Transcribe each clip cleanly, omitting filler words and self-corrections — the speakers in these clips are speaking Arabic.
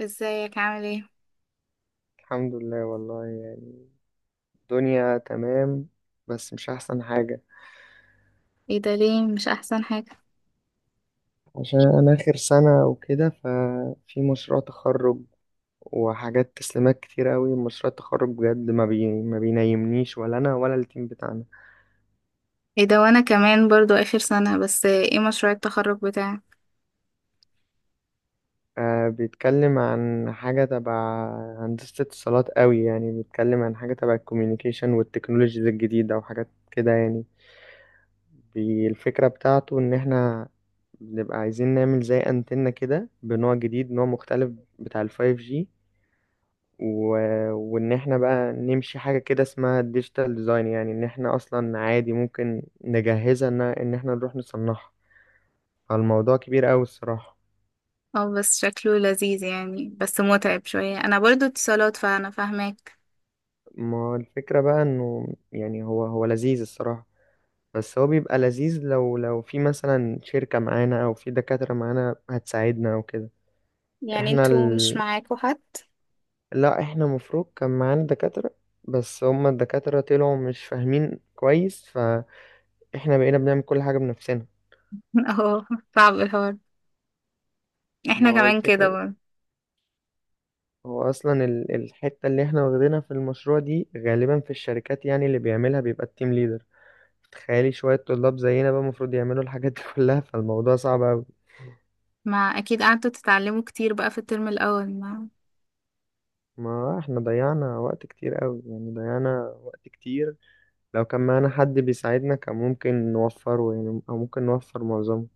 ازيك؟ عامل ايه؟ الحمد لله والله، يعني الدنيا تمام. بس مش أحسن حاجة. ايه ده؟ ليه مش احسن حاجة؟ عشان أنا آخر سنة وكده، ففي مشروع تخرج وحاجات تسليمات كتير أوي. مشروع التخرج بجد ما بينيمنيش ولا أنا ولا التيم بتاعنا. ايه ده، وانا كمان برضو اخر سنة. بس ايه مشروع التخرج بتاعك؟ آه، بيتكلم عن حاجة تبع هندسة اتصالات، أوي يعني بيتكلم عن حاجة تبع الكوميونيكيشن والتكنولوجيز الجديدة وحاجات كده، يعني بالفكرة بتاعته إن إحنا بنبقى عايزين نعمل زي أنتنة كده بنوع جديد، نوع مختلف بتاع الفايف جي. و... وإن إحنا بقى نمشي حاجة كده اسمها ديجيتال ديزاين، يعني إن إحنا أصلا عادي ممكن نجهزها، إن إحنا نروح نصنعها. فالموضوع كبير أوي الصراحة. اه بس شكله لذيذ يعني، بس متعب شوية. انا برضو اتصالات فانا فاهماك. ما هو الفكرة بقى إنه، يعني هو لذيذ الصراحة، بس هو بيبقى لذيذ لو في مثلا شركة معانا أو في دكاترة معانا هتساعدنا أو كده. يعني احنا انتوا مش معاكوا حد؟ لا احنا مفروض كان معانا دكاترة، بس هما الدكاترة طلعوا مش فاهمين كويس، فاحنا بقينا بنعمل كل حاجة بنفسنا. اه، صعب الحوار. ما احنا هو كمان كده الفكرة، برضو. هو أصلا الحتة اللي احنا واخدينها في المشروع دي غالبا في الشركات، يعني اللي بيعملها بيبقى التيم ليدر. تخيلي شوية طلاب زينا بقى المفروض يعملوا الحاجات دي كلها، فالموضوع صعب أوي. ما اكيد قعدتوا تتعلموا كتير بقى في الترم الاول. ما ما احنا ضيعنا وقت كتير أوي، يعني ضيعنا وقت كتير. لو كان معانا حد بيساعدنا كان ممكن نوفره، يعني أو ممكن نوفر معظمه.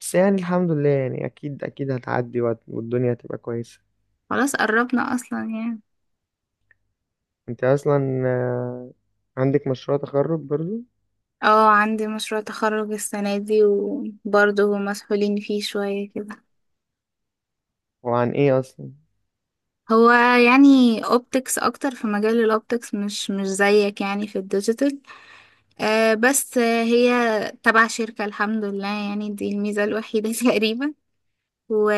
بس يعني الحمد لله، يعني اكيد اكيد هتعدي والدنيا هتبقى كويسة. خلاص قربنا اصلا يعني. انت اصلا آه، عندك مشروع تخرج برضو؟ اه، عندي مشروع تخرج السنة دي، وبرضه مسحولين فيه شوية كده. هو عن ايه اصلا؟ هو يعني اوبتكس، اكتر في مجال الاوبتكس، مش زيك يعني في الديجيتال. آه بس هي تبع شركة، الحمد لله يعني، دي الميزة الوحيدة تقريبا. و...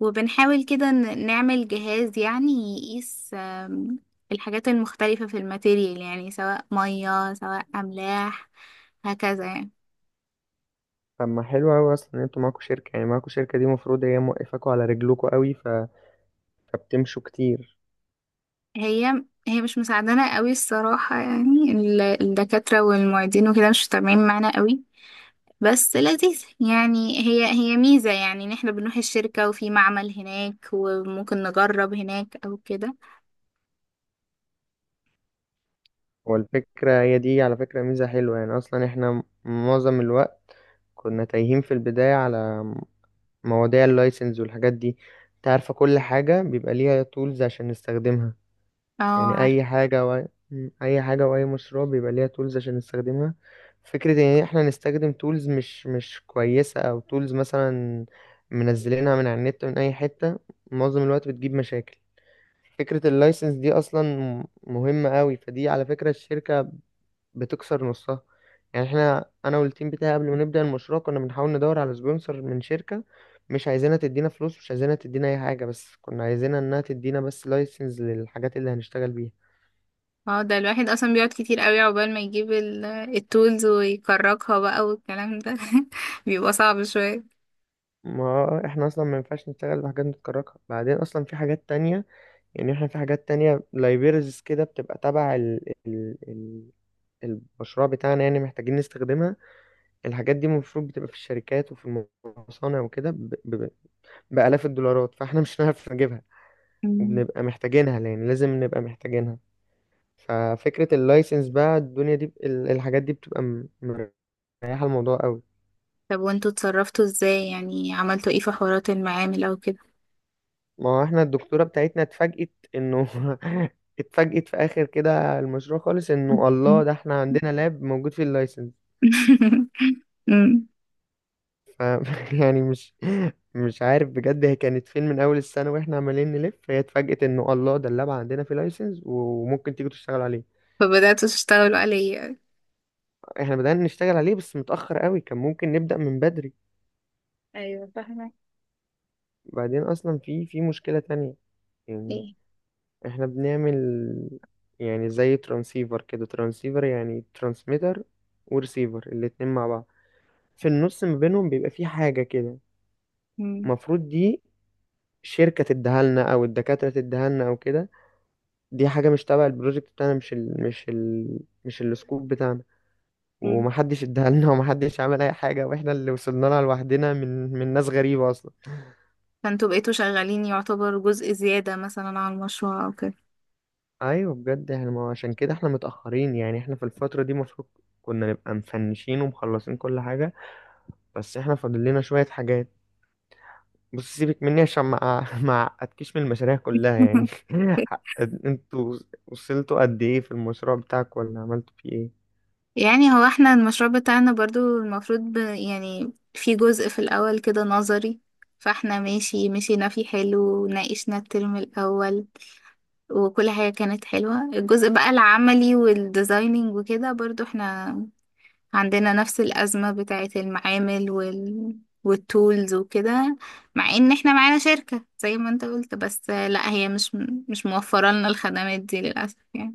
وبنحاول كده نعمل جهاز يعني يقيس الحاجات المختلفة في الماتيريال، يعني سواء مية سواء أملاح، هكذا يعني. طب ما حلو اوي اصلا ان انتوا معاكوا شركة، يعني معاكوا شركة دي المفروض هي موقفاكوا على رجلكوا اوي، فبتمشوا كتير. هي مش مساعدانا قوي الصراحة، يعني الدكاترة والمعيدين وكده مش متابعين معانا قوي. بس لذيذ يعني، هي ميزة يعني، ان احنا بنروح الشركة وفي معمل هناك وممكن نجرب هناك او كده. والفكرة هي دي على فكرة ميزة حلوة، يعني اصلا احنا معظم الوقت كنا تايهين في البداية على مواضيع اللايسنس والحاجات دي. انت عارفة كل حاجة بيبقى ليها تولز عشان نستخدمها، اه، يعني عارف. اي حاجه واي مشروع بيبقى ليها تولز عشان نستخدمها. فكره ان احنا نستخدم تولز مش كويسه او تولز مثلا منزلينها من على النت من اي حته، معظم الوقت بتجيب مشاكل. فكره اللايسنس دي اصلا مهمه قوي، فدي على فكره الشركه بتكسر نصها. يعني احنا انا والتيم بتاعي قبل ما نبدا المشروع كنا بنحاول ندور على سبونسر من شركه، مش عايزينها تدينا فلوس، مش عايزينها تدينا اي حاجه، بس كنا عايزينها انها تدينا بس لايسنس للحاجات اللي هنشتغل بيها. اه، ده الواحد اصلا بيقعد كتير قوي عقبال ما يجيب التولز ويكركها بقى والكلام ده بيبقى صعب شوية. ما احنا اصلا ما ينفعش نشتغل بحاجات متكركه. بعدين اصلا في حاجات تانية، يعني احنا في حاجات تانية لايبرز كده بتبقى تبع ال المشروع بتاعنا، يعني محتاجين نستخدمها. الحاجات دي المفروض بتبقى في الشركات وفي المصانع وكده بآلاف الدولارات، فاحنا مش هنعرف نجيبها، مم. وبنبقى محتاجينها، يعني لازم نبقى محتاجينها. ففكرة اللايسنس بقى الدنيا دي الحاجات دي بتبقى مريحة الموضوع قوي. طب وانتوا اتصرفتوا ازاي؟ يعني عملتوا ايه في حوارات المعامل او كده؟ ما هو احنا الدكتورة بتاعتنا اتفاجئت انه، اتفاجئت في اخر كده المشروع خالص انه مم. الله ده احنا عندنا لاب موجود في اللايسنس. مم. ف يعني مش عارف بجد، هي كانت فين من اول السنة واحنا عمالين نلف، هي اتفاجئت انه الله ده اللاب عندنا في لايسنس وممكن تيجي تشتغل عليه. فبدأتوا تشتغلوا عليا؟ احنا بدأنا نشتغل عليه بس متأخر قوي، كان ممكن نبدأ من بدري. ايوه فاهمة. بعدين اصلا في مشكلة تانية، يعني ايه؟ احنا بنعمل يعني زي ترانسيفر كده، ترانسيفر يعني ترانسميتر ورسيفر الاتنين مع بعض، في النص ما بينهم بيبقى في حاجة كده. المفروض دي شركة تديها لنا او الدكاترة تديها لنا او كده، دي حاجة مش تبع البروجكت بتاعنا، مش ال مش ال مش السكوب بتاعنا. مم. ومحدش اديها لنا ومحدش عمل اي حاجة، واحنا اللي وصلنا لها لوحدنا من من ناس غريبة اصلا. فانتوا بقيتوا شغالين يعتبر جزء زيادة مثلا على المشروع او كده؟ ايوه بجد احنا ما هو عشان كده احنا متأخرين، يعني احنا في الفترة دي المفروض كنا نبقى مفنشين ومخلصين كل حاجة، بس احنا فاضل لنا شوية حاجات. بص سيبك مني عشان ما ما اعقدكش من المشاريع كلها، يعني انتوا وصلتوا قد ايه في المشروع بتاعك ولا عملتوا فيه ايه؟ يعني هو احنا المشروع بتاعنا برضو المفروض يعني في جزء في الأول كده نظري، فاحنا مشينا فيه حلو وناقشنا الترم الأول، وكل حاجة كانت حلوة. الجزء بقى العملي والديزايننج وكده، برضو احنا عندنا نفس الأزمة بتاعت المعامل والتولز وكده. مع ان احنا معانا شركة زي ما انت قلت، بس لا، هي مش موفرة لنا الخدمات دي للأسف يعني.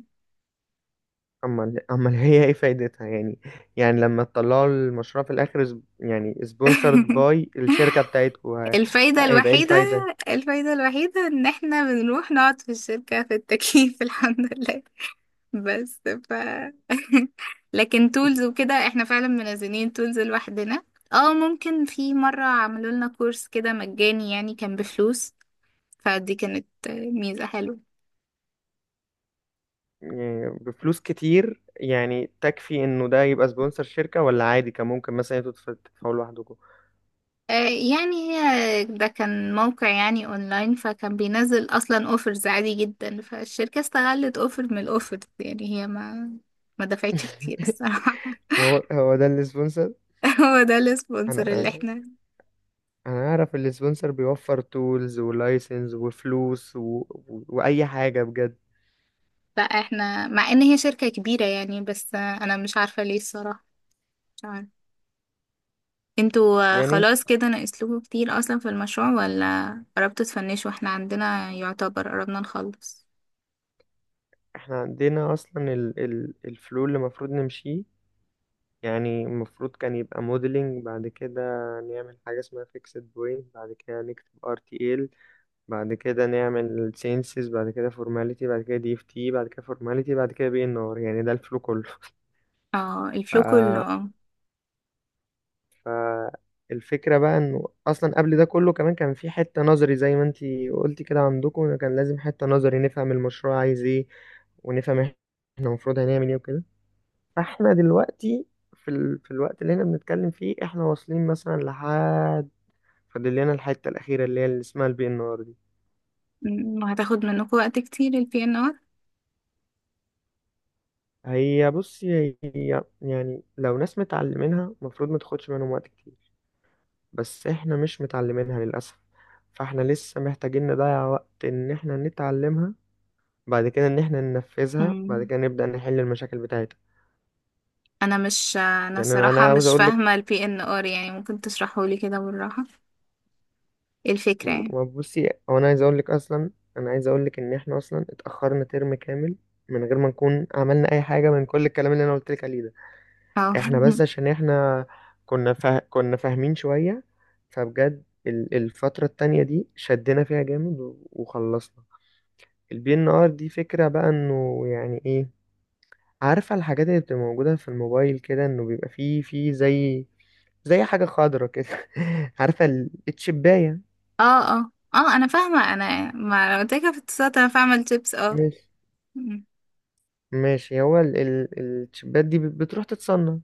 امال امال هي ايه فايدتها يعني؟ يعني لما تطلعوا المشروع في الاخر يعني سبونسرد باي الشركة بتاعتكم، ه- الفايدة هيبقى ايه الوحيدة، الفايدة؟ الفايدة الوحيدة ان احنا بنروح نقعد في الشركة في التكييف الحمد لله. بس ف لكن تولز وكده، احنا فعلا منزلين تولز لوحدنا. اه، ممكن في مرة عملوا لنا كورس كده مجاني يعني، كان بفلوس، فدي كانت ميزة حلوة. يعني بفلوس كتير يعني تكفي انه ده يبقى سبونسر شركة؟ ولا عادي كان ممكن مثلا انتوا تدفعوا لوحدكم؟ يعني هي ده كان موقع يعني اونلاين، فكان بينزل اصلا اوفرز عادي جدا، فالشركة استغلت اوفر من الاوفرز، يعني هي ما دفعتش كتير الصراحة. هو هو ده السبونسر. هو ده السبونسر اللي انا احنا. انا اعرف السبونسر بيوفر تولز ولايسنس وفلوس واي حاجه بجد. لا، احنا مع ان هي شركة كبيرة يعني، بس انا مش عارفة ليه الصراحة، مش عارفة. انتوا يعني خلاص كده ناقصلكوا كتير اصلا في المشروع ولا قربتوا تفنشوا؟ احنا عندنا يعتبر قربنا نخلص. احنا عندنا اصلا الفلو اللي المفروض نمشيه، يعني المفروض كان يبقى موديلنج، بعد كده نعمل حاجه اسمها فيكسد بوينت، بعد كده نكتب ار تي ال، بعد كده نعمل سينسز، بعد كده فورماليتي، بعد كده دي اف تي، بعد كده فورماليتي، بعد كده بي ان ار، يعني ده الفلو كله. اه، الفلو كله، اه. فالفكرة بقى انه اصلا قبل ده كله كمان كان في حتة نظري زي ما انتي قلتي كده عندكم، إنه كان لازم حتة نظري نفهم المشروع عايز ايه، ونفهم احنا المفروض هنعمل ايه وكده. فاحنا دلوقتي في الوقت اللي احنا بنتكلم فيه احنا واصلين مثلا لحد، فاضل لنا الحتة الأخيرة اللي هي اللي اسمها البي ان ار دي. مم، وهتاخد منكم وقت كتير البي ان ار؟ هي بصي هي يعني لو ناس متعلمينها المفروض ما تاخدش منهم وقت كتير، بس احنا مش متعلمينها للأسف، فاحنا لسه محتاجين نضيع وقت ان احنا نتعلمها، بعد كده ان احنا ننفذها، بعد مم. كده نبدأ نحل المشاكل بتاعتها. انا يعني انا الصراحه أنا عاوز مش اقول لك، فاهمه البي ان ار يعني، ممكن تشرحوا لي كده بالراحه؟ إيه الفكره يعني؟ بصي هو انا عايز اقول لك اصلا، انا عايز اقول لك ان احنا اصلا اتأخرنا ترم كامل من غير ما نكون عملنا اي حاجة من كل الكلام اللي انا قلت لك عليه ده. اه احنا بس عشان احنا كنا فاهمين شوية، فبجد الفترة التانية دي شدنا فيها جامد وخلصنا. البي ان ار دي فكرة بقى انه يعني ايه، عارفة الحاجات اللي بتبقى موجودة في الموبايل كده انه بيبقى فيه زي حاجة خضرة كده؟ عارفة التشباية؟ اه اه اه، انا فاهمه، انا ما انا قلت لك في الاتصالات انا فاهمه التبس، اه. ماشي. مم. ماشي، هو التشبات دي بتروح تتصنع.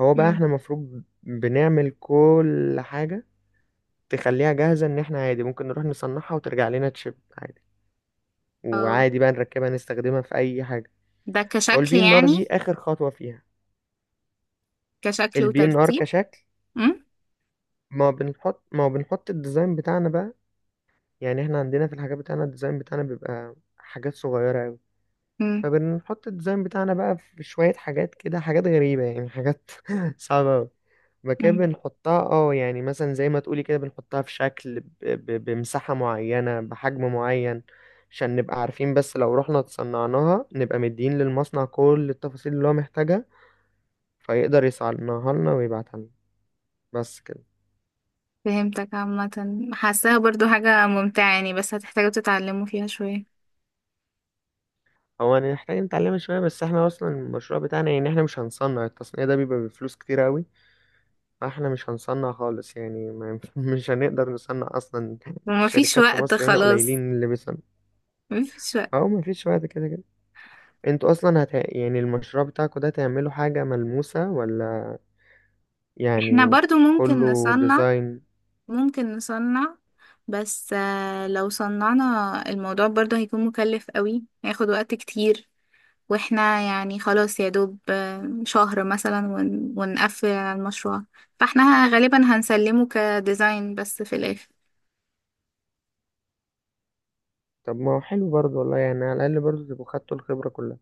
هو بقى مم. احنا المفروض بنعمل كل حاجة تخليها جاهزة ان احنا عادي ممكن نروح نصنعها وترجع لنا تشيب عادي، اه، وعادي بقى نركبها نستخدمها في اي حاجة. ده هو كشكل البي ان ار يعني، دي اخر خطوة فيها، كشكل البي ان ار وترتيب. كشكل. مم. ما بنحط الديزاين بتاعنا بقى، يعني احنا عندنا في الحاجات بتاعنا الديزاين بتاعنا بيبقى حاجات صغيرة أوي، مم. فبنحط الديزاين بتاعنا بقى في شوية حاجات كده، حاجات غريبة يعني، حاجات صعبة أوي مكان مم. بنحطها. اه يعني مثلا زي ما تقولي كده بنحطها في شكل بمساحة معينة بحجم معين، عشان نبقى عارفين بس لو رحنا تصنعناها نبقى مدين للمصنع كل التفاصيل اللي هو محتاجها، فيقدر يصنعها لنا ويبعتها لنا. بس كده. فهمتك عامه. حاساها برضو حاجه ممتعه يعني، بس هتحتاجوا تتعلموا فيها شويه. هو أنا محتاج نتعلمها شوية، بس احنا أصلا المشروع بتاعنا، يعني احنا مش هنصنع، التصنيع ده بيبقى بفلوس كتير أوي، فاحنا مش هنصنع خالص، يعني ما ينف- مش هنقدر نصنع أصلا. ومفيش الشركات في وقت مصر هنا خلاص، قليلين اللي بيصنع. مفيش وقت. أهو مفيش وقت كده كده. انتوا أصلا يعني المشروع بتاعكوا ده تعملوا حاجة ملموسة ولا احنا يعني برضو ممكن كله نصنع، ديزاين؟ ممكن نصنع، بس لو صنعنا، الموضوع برضو هيكون مكلف قوي، هياخد وقت كتير، واحنا يعني خلاص يا دوب شهر مثلا، ونقفل على المشروع، فاحنا غالبا هنسلمه كديزاين بس في الاخر. طب ما هو حلو برضه والله، يعني على الأقل برضه تبقوا خدتوا الخبرة كلها.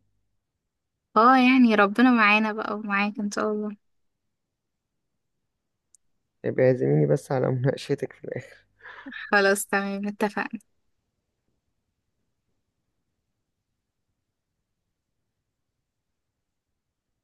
اه، يعني ربنا معانا بقى ومعاك ان شاء الله. يبقى اعزميني بس على مناقشتك في الآخر. خلاص، تمام، اتفقنا.